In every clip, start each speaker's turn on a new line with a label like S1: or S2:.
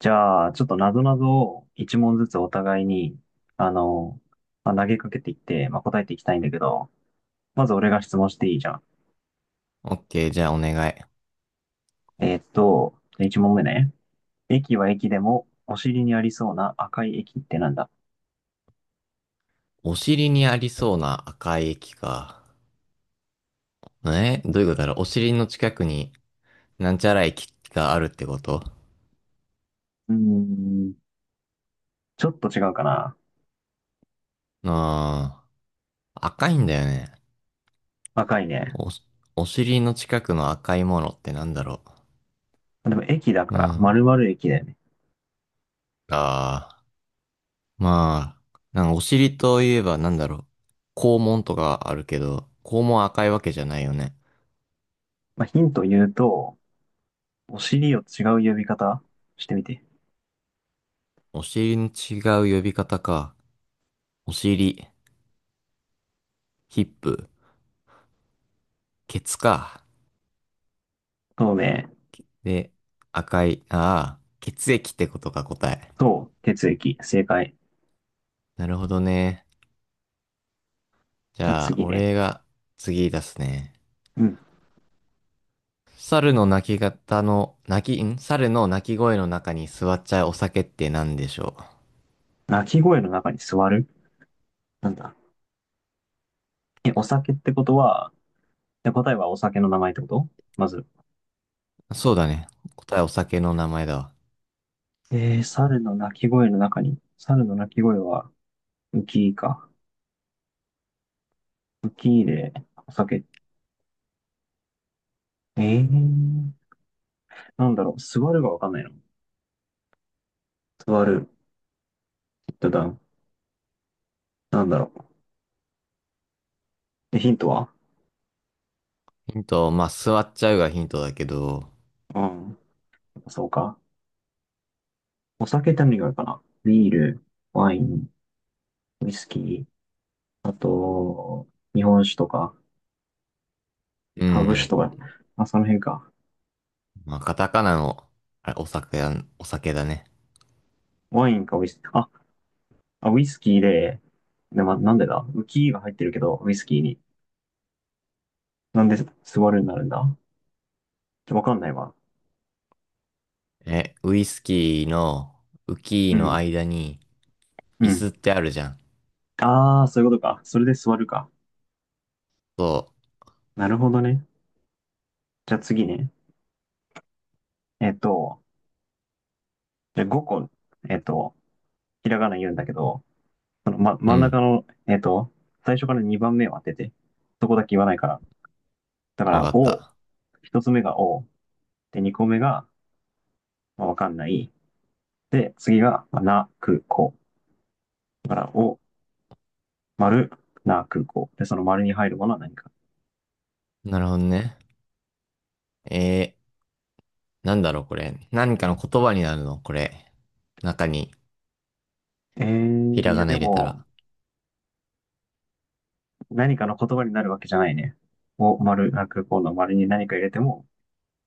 S1: じゃあ、ちょっとなぞなぞを一問ずつお互いに、あの、投げかけていって、答えていきたいんだけど、まず俺が質問していいじゃん。
S2: オッケー、じゃあお願い。
S1: じゃあ一問目ね。駅は駅でも、お尻にありそうな赤い駅ってなんだ？
S2: お尻にありそうな赤い液か。どういうことだろう？お尻の近くに、なんちゃら液があるってこと？
S1: うーん、ちょっと違うかな。
S2: ああ、赤いんだよね。
S1: 赤いね。
S2: お、お尻の近くの赤いものってなんだろ
S1: でも駅だか
S2: う？う
S1: ら、丸
S2: ん。
S1: 々駅だよね。
S2: ああ、まあ、なんかお尻といえばなんだろう？肛門とかあるけど、肛門は赤いわけじゃないよね。
S1: まあ、ヒント言うと、お尻を違う呼び方してみて。
S2: お尻の違う呼び方か。お尻、ヒップ、ケツか。
S1: 透明、
S2: で、赤い、ああ、血液ってことか、答え。
S1: そう、血液、正解。
S2: なるほどね。じ
S1: じゃあ
S2: ゃあ、
S1: 次ね。
S2: 俺が次出すね。
S1: うん。
S2: 猿の鳴き方の、鳴き、猿の鳴き声の中に座っちゃうお酒って何でしょ
S1: 鳴き声の中に座る、なんだ？え、お酒ってことは、で、答えはお酒の名前ってこと？まず。
S2: う？そうだね。答えお酒の名前だわ。
S1: えー、猿の鳴き声の中に、猿の鳴き声は、ウキーか。ウキーで、お酒。えー、なんだろう、座るがわかんないの。座る、ヒットダウン。なんだろえ、ヒントは？
S2: ヒント、まあ、座っちゃうがヒントだけど、
S1: うん。そうか。お酒って何があるかな。ビール、ワイン、ウイスキー、あと、日本酒とか、
S2: う
S1: ハブ酒
S2: ん。
S1: とか、あ、その辺か。
S2: まあ、カタカナの、あれ、お酒や、お酒だね。
S1: ワインかウイスキー。あ、ウイスキーで、で、ま、なんでだ、ウキーが入ってるけど、ウイスキーに。なんで座るになるんだ？ちょ、わかんないわ。
S2: え、ウイスキーの、ウキ
S1: う
S2: ーの
S1: ん。
S2: 間に、
S1: う
S2: 椅子っ
S1: ん。
S2: てあるじゃん。
S1: ああ、そういうことか。それで座るか。
S2: そ
S1: なるほどね。じゃあ次ね。えっと、じゃあ5個、えっと、ひらがな言うんだけど、その、ま、
S2: う。う
S1: 真ん中
S2: ん。
S1: の、最初から2番目を当てて。そこだけ言わないから。だか
S2: わか
S1: ら、
S2: っ
S1: お、
S2: た。
S1: 1つ目がお、で、2個目が、まあ、わかんない。で、次が、まあ、な、く、こ。だから、お、丸、な、空港。で、その丸に入るものは何か。
S2: なるほどね。えー、なんだろう、これ。何かの言葉になるの、これ？中に、
S1: え
S2: ひ
S1: ー、
S2: ら
S1: い
S2: が
S1: や
S2: な
S1: で
S2: 入れたら。
S1: も、何かの言葉になるわけじゃないね。を、丸、な、空港の丸に何か入れても、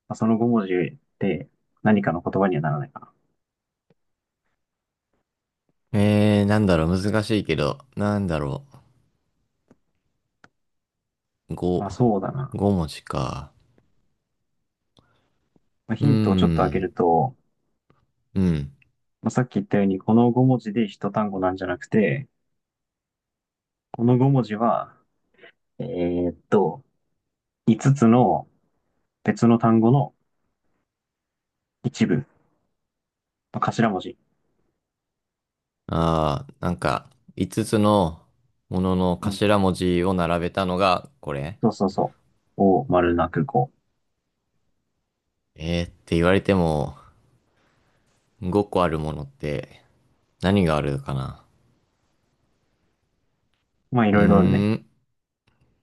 S1: まあその5文字で何かの言葉にはならないかな。
S2: えー、なんだろう、難しいけど、なんだろう。
S1: まあ
S2: ご、
S1: そうだな。
S2: ご文字か。
S1: まあ、
S2: うー
S1: ヒントをちょっと開け
S2: ん、
S1: ると、
S2: うん。
S1: まあ、さっき言ったように、この5文字で一単語なんじゃなくて、この5文字は、えーっと、5つつの別の単語の一部、まあ頭文字。
S2: あー、なんか、五つつのものの
S1: うん。
S2: 頭文字を並べたのが、これ？
S1: そうそうそを、丸、な、空港。
S2: えーって言われても、五個あるものって、何があるかな。
S1: まあい
S2: うー
S1: ろいろあるね。
S2: ん、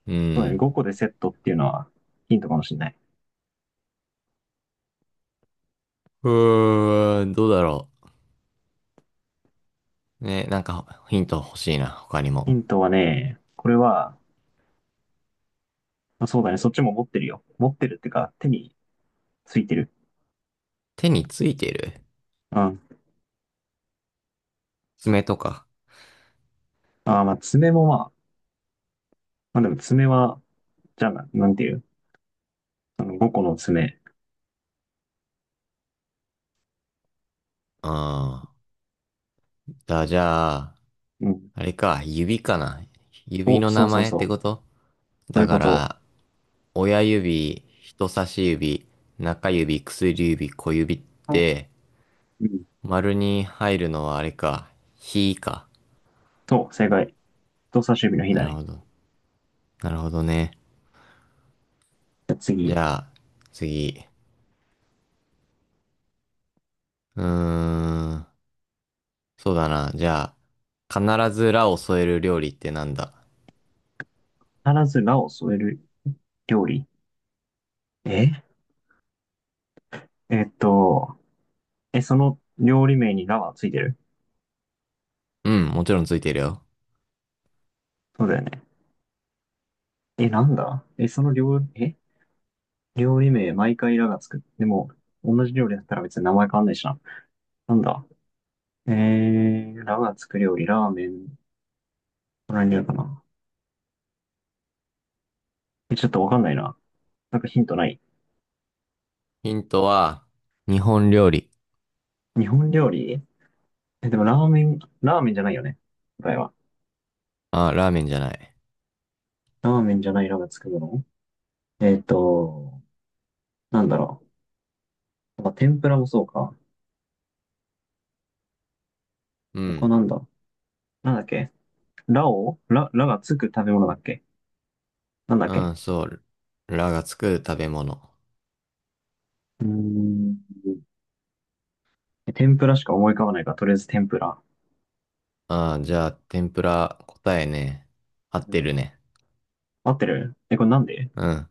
S2: う
S1: そうだね、
S2: ん。
S1: 5個でセットっていうのはヒントかもしれない。
S2: うーん、どうだろう。ね、なんかヒント欲しいな、他に
S1: ヒ
S2: も。
S1: ントはね、これは、まあそうだね、そっちも持ってるよ。持ってるっていうか、手についてる。
S2: 手についてる
S1: うん。
S2: 爪とか。
S1: あー、まあ、爪もまあ、まあでも爪は、じゃあ、な、なんていう、あの5個の爪。
S2: ああ。だ、じゃあ、
S1: うん。
S2: あれか、指かな。指
S1: お、
S2: の名前ってこと
S1: そうい
S2: だ
S1: うこ
S2: か
S1: と。
S2: ら、親指、人差し指、中指、薬指、小指って、
S1: うん。
S2: 丸に入るのはあれか、ひか。
S1: そう、正解。人差し指の日
S2: な
S1: だ
S2: る
S1: ね。
S2: ほど。なるほどね。
S1: じゃあ
S2: じ
S1: 次。
S2: ゃあ、次。うーん。そうだな。じゃあ、必ずらを添える料理ってなんだ？
S1: 必ずラを添える料理。え、えっと、え、その料理名にラはついてる？
S2: うん、もちろんついてるよ。
S1: そうだよね。え、なんだ、え、その料理、え、料理名毎回ラがつく。でも、同じ料理だったら別に名前変わんないしな。なんだ。えー、ラがつく料理、ラーメン、これにあるかな。え、ちょっとわかんないな。なんかヒントない？
S2: ヒントは、日本料理。
S1: 日本料理、え、でもラーメン、ラーメンじゃないよね。答えは。
S2: あ、ラーメンじゃない。
S1: ラーメンじゃないラがつくもの、なんだろう。まあ、天ぷらもそうか。
S2: う
S1: 他
S2: ん。
S1: なんだ。なんだっけ、ラを、ラ、ラがつく食べ物だっけ、なんだっ
S2: う
S1: け。
S2: ん、そう。ラがつく食べ物。
S1: うーん。え、天ぷらしか思い浮かばないから、とりあえず天ぷら。
S2: あ、じゃあ、天ぷら答えね。合ってるね。
S1: 合ってる、え、これなんで？
S2: うん。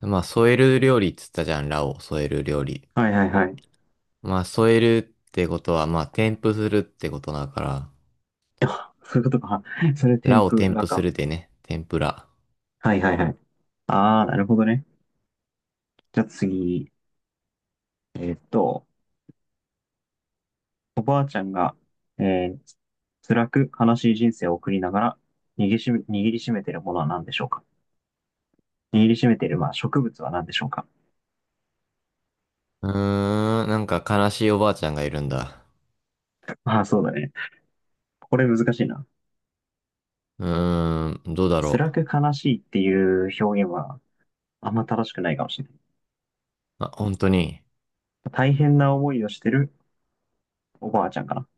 S2: まあ、添える料理っつったじゃん、ラを添える料理。
S1: はいはいはい。
S2: まあ、添えるってことは、まあ、添付するってことだから、
S1: あ、そういうことか。それ天
S2: ラを
S1: ぷ
S2: 添
S1: ら
S2: 付す
S1: か。
S2: るでね、天ぷら。
S1: はいはいはい。ああ、なるほどね。じゃあ次、えーっと、おばあちゃんが、えー、辛く悲しい人生を送りながら握りしめているものは何でしょうか。握りしめている、まあ、植物は何でしょうか。
S2: うーん、なんか悲しいおばあちゃんがいるんだ。
S1: ああー、そうだね。これ難しいな。
S2: うーん、どうだろ
S1: 辛
S2: う。
S1: く悲しいっていう表現はあんま正しくないかもしれない。
S2: あ、本当に？
S1: 大変な思いをしてるおばあちゃんかな。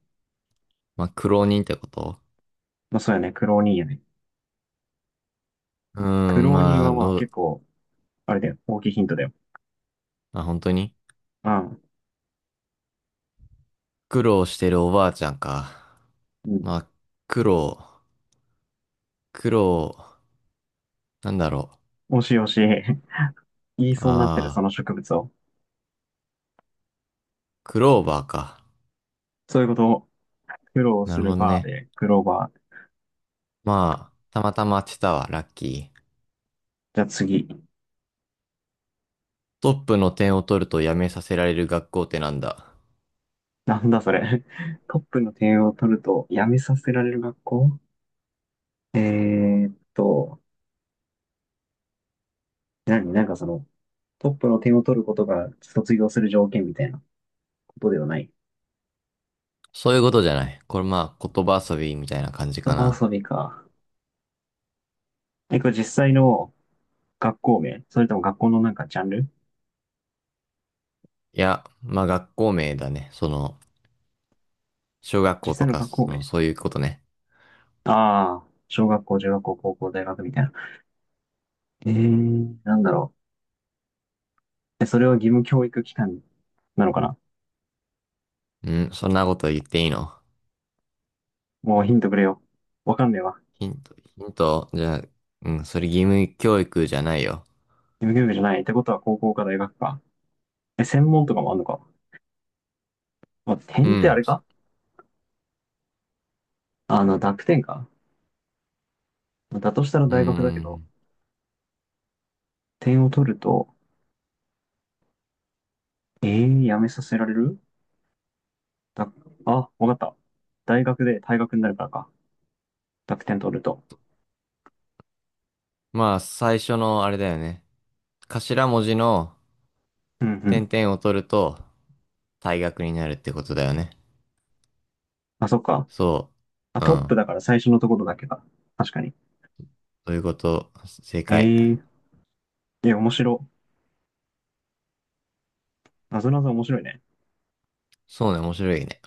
S2: まあ、苦労人ってこと？
S1: まあ、そうやね。苦労人やね。
S2: うー
S1: 苦
S2: ん、
S1: 労人
S2: まあ、
S1: はまあ
S2: どう、
S1: 結構、あれだよ。大きいヒントだよ。
S2: まあ本当に
S1: うん。
S2: 苦労してるおばあちゃんか。
S1: うん、
S2: まあ、苦労、苦労、なんだろ
S1: 惜しい惜しい。言い
S2: う。
S1: そうになってる、そ
S2: ああ、
S1: の植物を。
S2: クローバーか。
S1: そういうことを苦労
S2: な
S1: す
S2: るほ
S1: る
S2: ど
S1: バー
S2: ね。
S1: で、クローバー。
S2: まあ、たまたま当てたわ、ラッキー。
S1: じゃあ次。
S2: トップの点を取ると辞めさせられる学校ってなんだ。
S1: なんだそれ。トップの点を取ると、辞めさせられる学校。えーっと、何、なんかその、トップの点を取ることが卒業する条件みたいなことではない？
S2: そういうことじゃない。これまあ、言葉遊びみたいな感じか
S1: 言葉
S2: な。
S1: 遊びか。え、これ実際の学校名それとも学校のなんかジャンル？
S2: いや、まあ学校名だね。その、小学
S1: 実
S2: 校
S1: 際
S2: と
S1: の
S2: か、
S1: 学校
S2: その、
S1: 名。
S2: そういうことね。
S1: ああー、小学校、中学校、高校、大学みたいな。えー、なんだろう。え、それは義務教育機関なのかな？
S2: うん、そんなこと言っていいの？
S1: もうヒントくれよ。わかんねえわ。
S2: ヒント、ヒント、じゃあ、うん、それ義務教育じゃないよ。
S1: 義務教育じゃない。ってことは高校か大学か。え、専門とかもあんのか。まあ、
S2: う
S1: 点ってあ
S2: ん。
S1: れか、あの、濁点か。だとしたら
S2: う
S1: 大学だけど、
S2: ん。
S1: 点を取ると、えー、やめさせられる、だ、あ、わかった。大学で退学になるからか。濁点取ると。
S2: まあ、最初のあれだよね。頭文字の
S1: うんう
S2: 点
S1: ん。
S2: 々を取ると、退学になるってことだよね。
S1: あ、そっか。
S2: そ
S1: あ、
S2: う。う
S1: トップ
S2: ん。
S1: だから最初のところだけか。確かに。
S2: そういうこと、正解。
S1: えー、いや、面白。なぞなぞ面白いね。
S2: そうね、面白いね。